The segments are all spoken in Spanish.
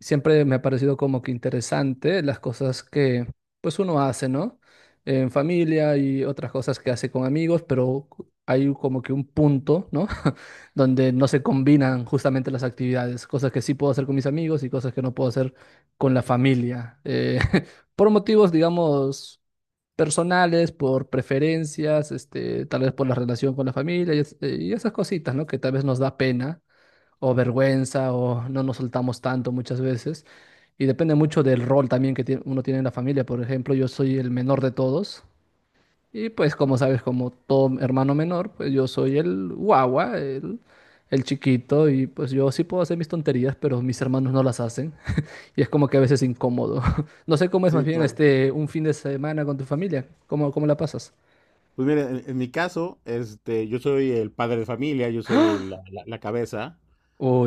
Siempre me ha parecido como que interesante las cosas que pues uno hace, ¿no? En familia y otras cosas que hace con amigos, pero hay como que un punto, ¿no? Donde no se combinan justamente las actividades, cosas que sí puedo hacer con mis amigos y cosas que no puedo hacer con la familia. Por motivos, digamos, personales, por preferencias, este, tal vez por la relación con la familia y, y esas cositas, ¿no? Que tal vez nos da pena o vergüenza o no nos soltamos tanto muchas veces. Y depende mucho del rol también que uno tiene en la familia. Por ejemplo, yo soy el menor de todos y pues como sabes, como todo hermano menor, pues yo soy el guagua, el chiquito y pues yo sí puedo hacer mis tonterías, pero mis hermanos no las hacen y es como que a veces incómodo. No sé, cómo es más Sí, bien claro. este un fin de semana con tu familia, ¿cómo, cómo la pasas? Pues mira, en mi caso, yo soy el padre de familia, yo soy el- la, la- la cabeza.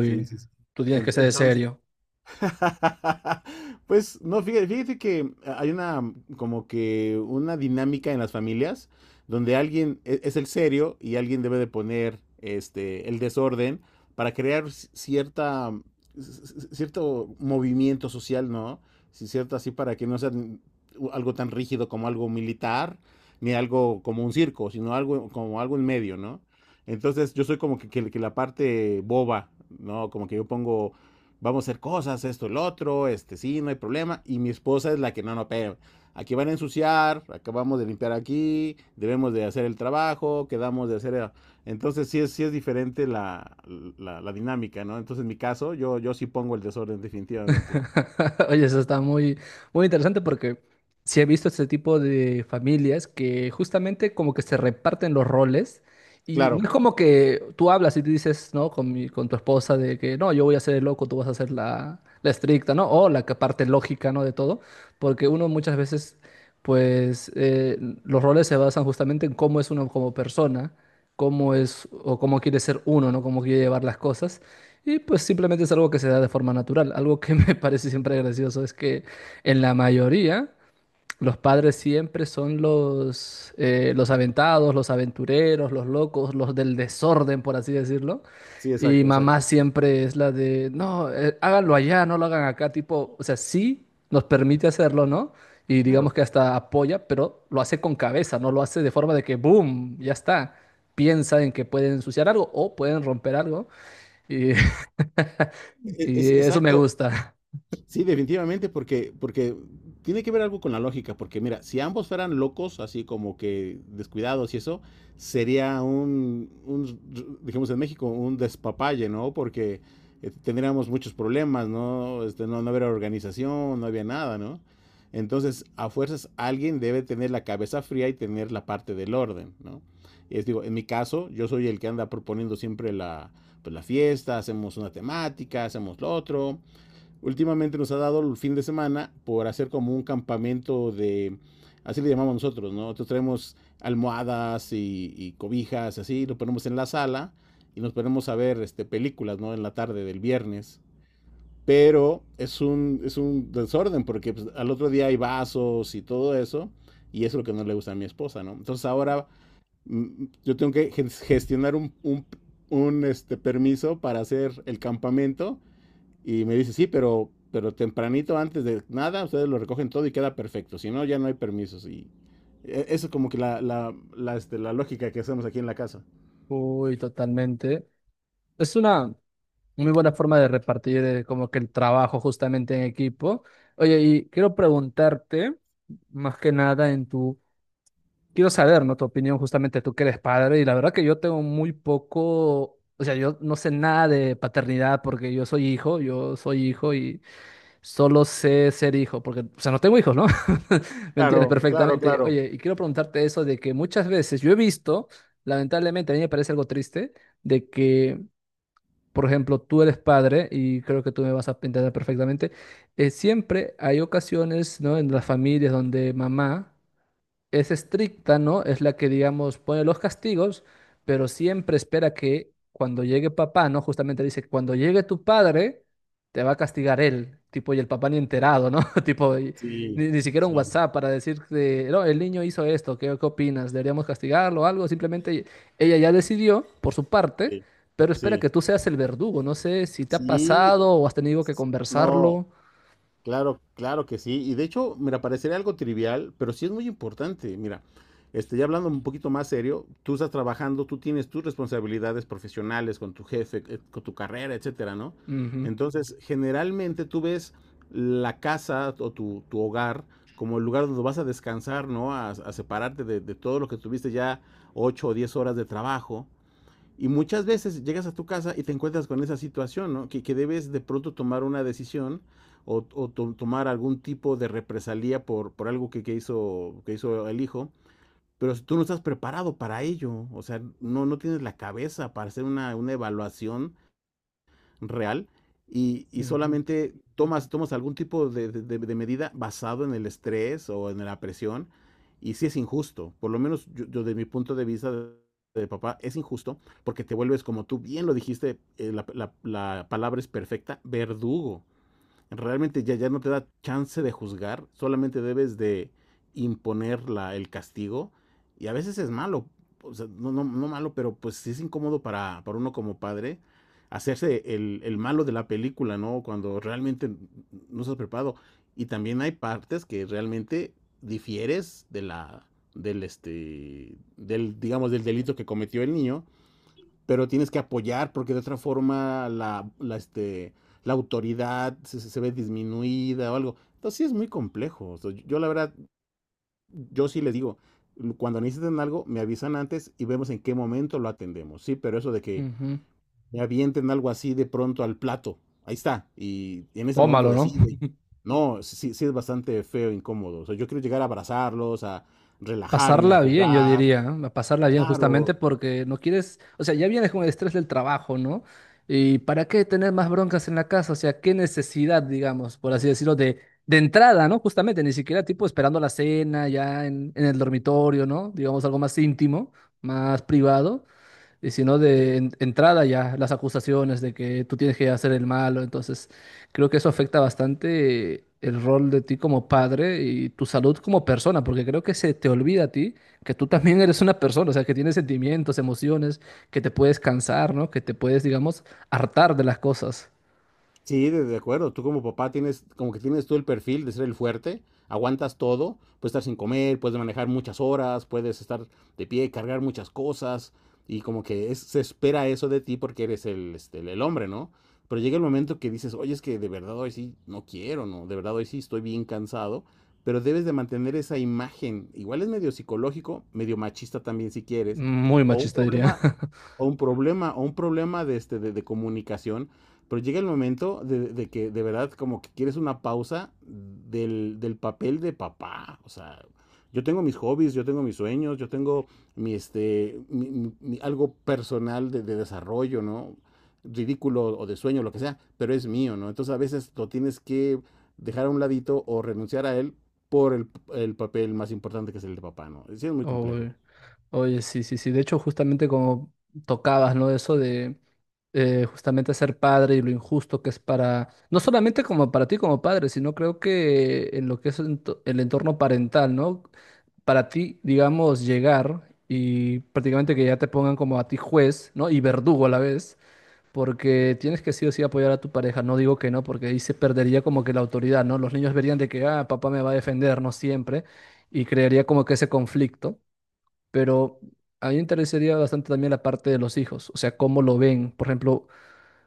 Sí, sí, sí. tú tienes En- que ser Entonces, serio. Pues no, fíjate que hay una como que una dinámica en las familias donde alguien es el serio y alguien debe de poner el desorden para crear c- cierto movimiento social, ¿no? Sí, cierto, así para que no sea algo tan rígido como algo militar ni algo como un circo, sino algo como algo en medio, ¿no? Entonces yo soy como que la parte boba, ¿no? Como que yo pongo vamos a hacer cosas, esto, el otro, sí, no hay problema. Y mi esposa es la que, no, no, pero aquí van a ensuciar, acabamos de limpiar aquí, debemos de hacer el trabajo, quedamos de hacer Entonces sí es diferente la dinámica, ¿no? Entonces en mi caso, yo sí pongo el desorden definitivamente. Oye, eso está muy, muy interesante porque sí he visto este tipo de familias que justamente como que se reparten los roles y no Claro, es como que tú hablas y te dices, ¿no? Con mi, con tu esposa de que no, yo voy a ser el loco, tú vas a ser la, la estricta, ¿no? O la que parte lógica, ¿no? De todo, porque uno muchas veces, pues, los roles se basan justamente en cómo es uno como persona, cómo es o cómo quiere ser uno, ¿no? Cómo quiere llevar las cosas. Y pues simplemente es algo que se da de forma natural. Algo que me parece siempre gracioso es que en la mayoría los padres siempre son los aventados, los aventureros, los locos, los del desorden, por así decirlo. sí, Y exacto, mamá exacto. siempre es la de, no, háganlo allá, no lo hagan acá, tipo, o sea, sí nos permite hacerlo, ¿no? Y digamos Claro. que hasta apoya, pero lo hace con cabeza, no lo hace de forma de que, boom, ya está. Piensa en que pueden ensuciar algo o pueden romper algo. Y E- es- y eso me exacto, gusta. sí, definitivamente, porque tiene que ver algo con la lógica, porque mira, si ambos fueran locos, así como que descuidados y eso, sería un digamos en México, un despapalle, ¿no? Porque tendríamos muchos problemas, ¿no? ¿No? No habría organización, no había nada, ¿no? Entonces, a fuerzas, alguien debe tener la cabeza fría y tener la parte del orden, ¿no? Es, digo, en mi caso, yo soy el que anda proponiendo siempre la fiesta, hacemos una temática, hacemos lo otro, últimamente nos ha dado el fin de semana por hacer como un campamento de, así le llamamos nosotros, ¿no? Nosotros traemos almohadas y cobijas, así, lo ponemos en la sala y nos ponemos a ver películas, ¿no? En la tarde del viernes. Pero es un desorden porque pues, al otro día hay vasos y todo eso. Y eso es lo que no le gusta a mi esposa, ¿no? Entonces ahora yo tengo que gestionar un permiso para hacer el campamento y me dice, sí, pero tempranito antes de nada, ustedes lo recogen todo y queda perfecto. Si no, ya no hay permisos. Y eso es como que la lógica que hacemos aquí en la casa. Uy, totalmente. Es una muy buena forma de repartir como que el trabajo justamente en equipo. Oye, y quiero preguntarte, más que nada en tu, quiero saber, ¿no? Tu opinión justamente, tú que eres padre, y la verdad que yo tengo muy poco, o sea, yo no sé nada de paternidad porque yo soy hijo y. Solo sé ser hijo, porque, o sea, no tengo hijos, ¿no? ¿Me entiendes Claro, claro, perfectamente? claro. Oye, y quiero preguntarte eso de que muchas veces yo he visto, lamentablemente, a mí me parece algo triste, de que, por ejemplo, tú eres padre, y creo que tú me vas a entender perfectamente, siempre hay ocasiones, ¿no? En las familias donde mamá es estricta, ¿no? Es la que, digamos, pone los castigos, pero siempre espera que cuando llegue papá, ¿no? Justamente dice, cuando llegue tu padre, te va a castigar él, tipo, y el papá ni enterado, ¿no? Tipo, y Sí, ni siquiera un sí, WhatsApp para decir, que, no, el niño hizo esto, ¿qué, qué opinas? ¿Deberíamos castigarlo o algo? Simplemente ella ya decidió por su parte, sí. pero espera Sí, que tú seas el verdugo. No sé si te ha sí, pasado o has tenido que no. conversarlo. Claro, claro que sí. Y de hecho, mira, parecería algo trivial, pero sí es muy importante. Mira, ya hablando un poquito más serio, tú estás trabajando, tú tienes tus responsabilidades profesionales con tu jefe, con tu carrera, etcétera, ¿no? Ujú, Entonces, generalmente tú ves la casa o tu hogar como el lugar donde vas a descansar, ¿no? A separarte de todo lo que tuviste ya 8 o 10 horas de trabajo. Y muchas veces llegas a tu casa y te encuentras con esa situación, ¿no? Que debes de pronto tomar una decisión tomar algún tipo de represalia por algo que hizo el hijo. Pero si tú no estás preparado para ello, o sea, no tienes la cabeza para hacer una evaluación real y ujú, solamente tomas algún tipo de medida basado en el estrés o en la presión, y sí es injusto, por lo menos yo de mi punto de vista de papá es injusto porque te vuelves como tú bien lo dijiste, la palabra es perfecta, verdugo. Realmente ya no te da chance de juzgar, solamente debes de imponer el castigo, y a veces es malo, o sea, no, no, no, malo, pero pues sí es incómodo para uno como padre hacerse el malo de la película, ¿no? Cuando realmente no estás preparado. Y también hay partes que realmente difieres de la del este del digamos del delito que cometió el niño, pero tienes que apoyar porque de otra forma la autoridad se ve disminuida o algo. Entonces sí es muy complejo. O sea, yo la verdad, yo sí les digo, cuando necesiten algo, me avisan antes y vemos en qué momento lo atendemos. Sí, pero eso de que ujú. me avienten algo así de pronto al plato, ahí está, y en ese momento Tómalo, ¿no? decide. No, sí, sí es bastante feo, incómodo. O sea, yo quiero llegar a abrazarlos, a relajarme, a Pasarla bien, yo jugar. diría, ¿no? A pasarla bien justamente Claro, porque no quieres, o sea, ya vienes con el estrés del trabajo, ¿no? ¿Y para qué tener más broncas en la casa? O sea, qué necesidad, digamos, por así decirlo, de entrada, ¿no? Justamente, ni siquiera tipo esperando la cena ya en el dormitorio, ¿no? Digamos algo más íntimo, más privado. Y si no, de entrada ya, las acusaciones de que tú tienes que hacer el malo. Entonces, creo que eso afecta bastante el rol de ti como padre y tu salud como persona, porque creo que se te olvida a ti que tú también eres una persona, o sea, que tienes sentimientos, emociones, que te puedes cansar, ¿no? Que te puedes, digamos, hartar de las cosas. sí, de acuerdo. Tú como papá tienes, como que tienes todo el perfil de ser el fuerte, aguantas todo, puedes estar sin comer, puedes manejar muchas horas, puedes estar de pie, cargar muchas cosas, y como que se espera eso de ti porque eres el, este, el hombre, ¿no? Pero llega el momento que dices, oye, es que de verdad hoy sí no quiero, ¿no? De verdad hoy sí estoy bien cansado, pero debes de mantener esa imagen. Igual es medio psicológico, medio machista también si quieres, Muy o un machista, diría. problema, o un problema, o un problema de, este, de comunicación, pero llega el momento de que de verdad como que quieres una pausa del papel de papá. O sea, yo tengo mis hobbies, yo tengo mis sueños, yo tengo mi, este, mi, algo personal de desarrollo, ¿no? Ridículo o de sueño, lo que sea, pero es mío, ¿no? Entonces a veces lo tienes que dejar a un ladito o renunciar a él por el papel más importante que es el de papá, ¿no? Sí, es muy Oh, complejo. oye, sí, sí, sí. De hecho, justamente como tocabas, ¿no? Eso de justamente ser padre y lo injusto que es para, no solamente como para ti como padre, sino creo que en lo que es el entorno parental, ¿no? Para ti, digamos, llegar y prácticamente que ya te pongan como a ti juez, ¿no? Y verdugo a la vez, porque tienes que sí o sí apoyar a tu pareja. No digo que no, porque ahí se perdería como que la autoridad, ¿no? Los niños verían de que, ah, papá me va a defender, no siempre, y crearía como que ese conflicto, pero a mí me interesaría bastante también la parte de los hijos, o sea, cómo lo ven. Por ejemplo,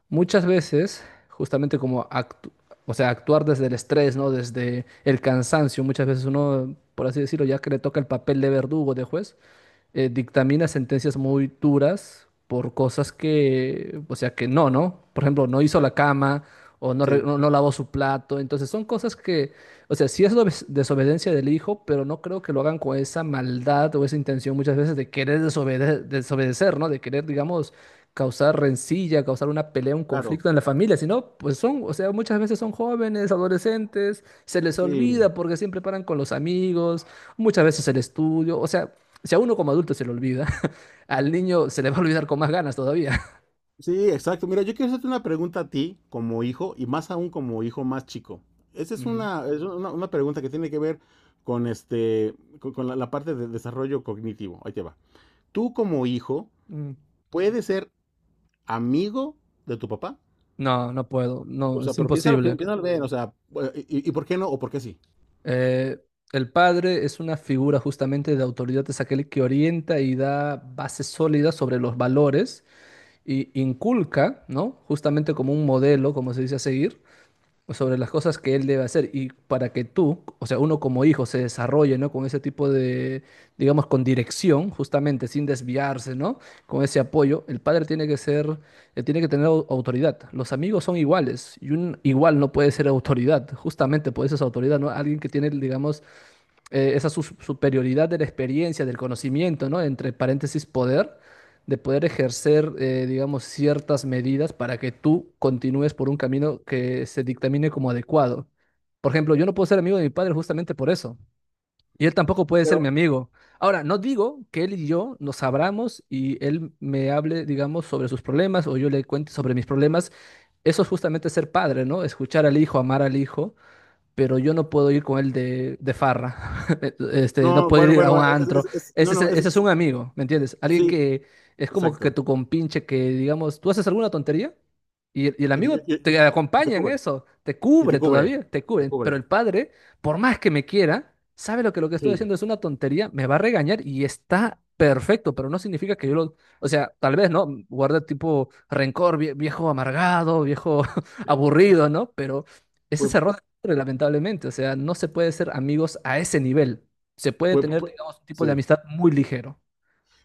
muchas veces, justamente como o sea, actuar desde el estrés, ¿no? Desde el cansancio, muchas veces uno, por así decirlo, ya que le toca el papel de verdugo, de juez, dictamina sentencias muy duras por cosas que, o sea, que no, ¿no? Por ejemplo, no hizo la Exacto. cama o no, Sí, no lavó su plato. Entonces son cosas que, o sea, sí es desobediencia del hijo, pero no creo que lo hagan con esa maldad o esa intención muchas veces de querer desobedecer, ¿no? De querer, digamos, causar rencilla, causar una pelea, un claro. conflicto en la familia, sino, pues son, o sea, muchas veces son jóvenes, adolescentes, se les Sí, olvida porque siempre paran con los amigos, muchas veces el estudio, o sea, si a uno como adulto se le olvida, al niño se le va a olvidar con más ganas todavía. sí, exacto. Mira, yo quiero hacerte una pregunta a ti como hijo y más aún como hijo más chico. Esa es Ujú. una, es una, una pregunta que tiene que ver con, este, con la parte de desarrollo cognitivo. Ahí te va. Tú como hijo, Mm. ¿puedes ser amigo de tu papá? No, no puedo, O no, sea, es pero piénsalo, pi- imposible. piénsalo bien, o sea, y por qué no o por qué sí? Eh, el padre es una figura justamente de autoridad, es aquel que orienta y da bases sólidas sobre los valores y inculca, ¿no? Justamente como un modelo, como se dice a seguir, sobre las cosas que él debe hacer y para que tú, o sea, uno como hijo se desarrolle, ¿no? Con ese tipo de, digamos, con dirección, justamente, sin desviarse, ¿no? Con ese apoyo, el padre tiene que ser, tiene que tener autoridad. Los amigos son iguales y un igual no puede ser autoridad, justamente por eso es autoridad, ¿no? Alguien que tiene, digamos, esa superioridad de la experiencia, del conocimiento, ¿no? Entre paréntesis, poder, de poder ejercer, digamos, ciertas medidas para que tú continúes por un camino que se dictamine como adecuado. Por ejemplo, yo no puedo ser amigo de mi padre justamente por eso. Y él tampoco puede ser mi Pero, amigo. Ahora, no digo que él y yo nos abramos y él me hable, digamos, sobre sus problemas o yo le cuente sobre mis problemas. Eso es justamente ser padre, ¿no? Escuchar al hijo, amar al hijo, pero yo no puedo ir con él de farra, este, no no, puedo bueno, ir a bueno, un antro. Es- no, no, Ese es es- un amigo, ¿me entiendes? Alguien sí, que es como que exacto. tu compinche, que digamos, tú haces alguna tontería y, y el Y, te amigo y- te y- y te acompaña en cubre, eso, te y cubre todavía, te te cubre. cubre, Pero el padre, por más que me quiera, sabe lo que estoy sí, haciendo es una tontería, me va a regañar y está perfecto, pero no significa que yo lo... O sea, tal vez, ¿no? Guarde tipo rencor, viejo amargado, viejo sí. aburrido, ¿no? Pero... Ese Pues, es error, lamentablemente. O sea, no se puede ser amigos a ese nivel. Se puede pues, tener, pues, digamos, un tipo de sí. amistad muy ligero.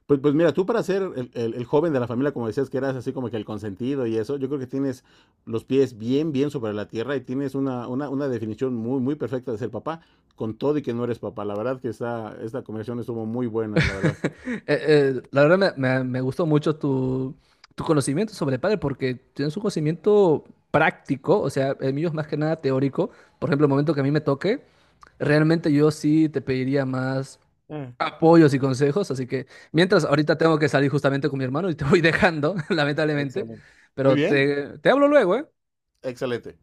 Pues mira, tú para ser el joven de la familia, como decías, que eras así como que el consentido y eso, yo creo que tienes los pies bien, bien sobre la tierra y tienes una definición muy, muy perfecta de ser papá, con todo y que no eres papá. La verdad que esta conversación estuvo muy buena, la verdad. La verdad me, me gustó mucho tu, tu conocimiento sobre padre porque tienes un conocimiento práctico, o sea, el mío es más que nada teórico. Por ejemplo, el momento que a mí me toque, realmente yo sí te pediría más Mm, apoyos y consejos. Así que mientras ahorita tengo que salir justamente con mi hermano y te voy dejando, lamentablemente, Excelente. Muy pero bien, te hablo luego, ¿eh? excelente.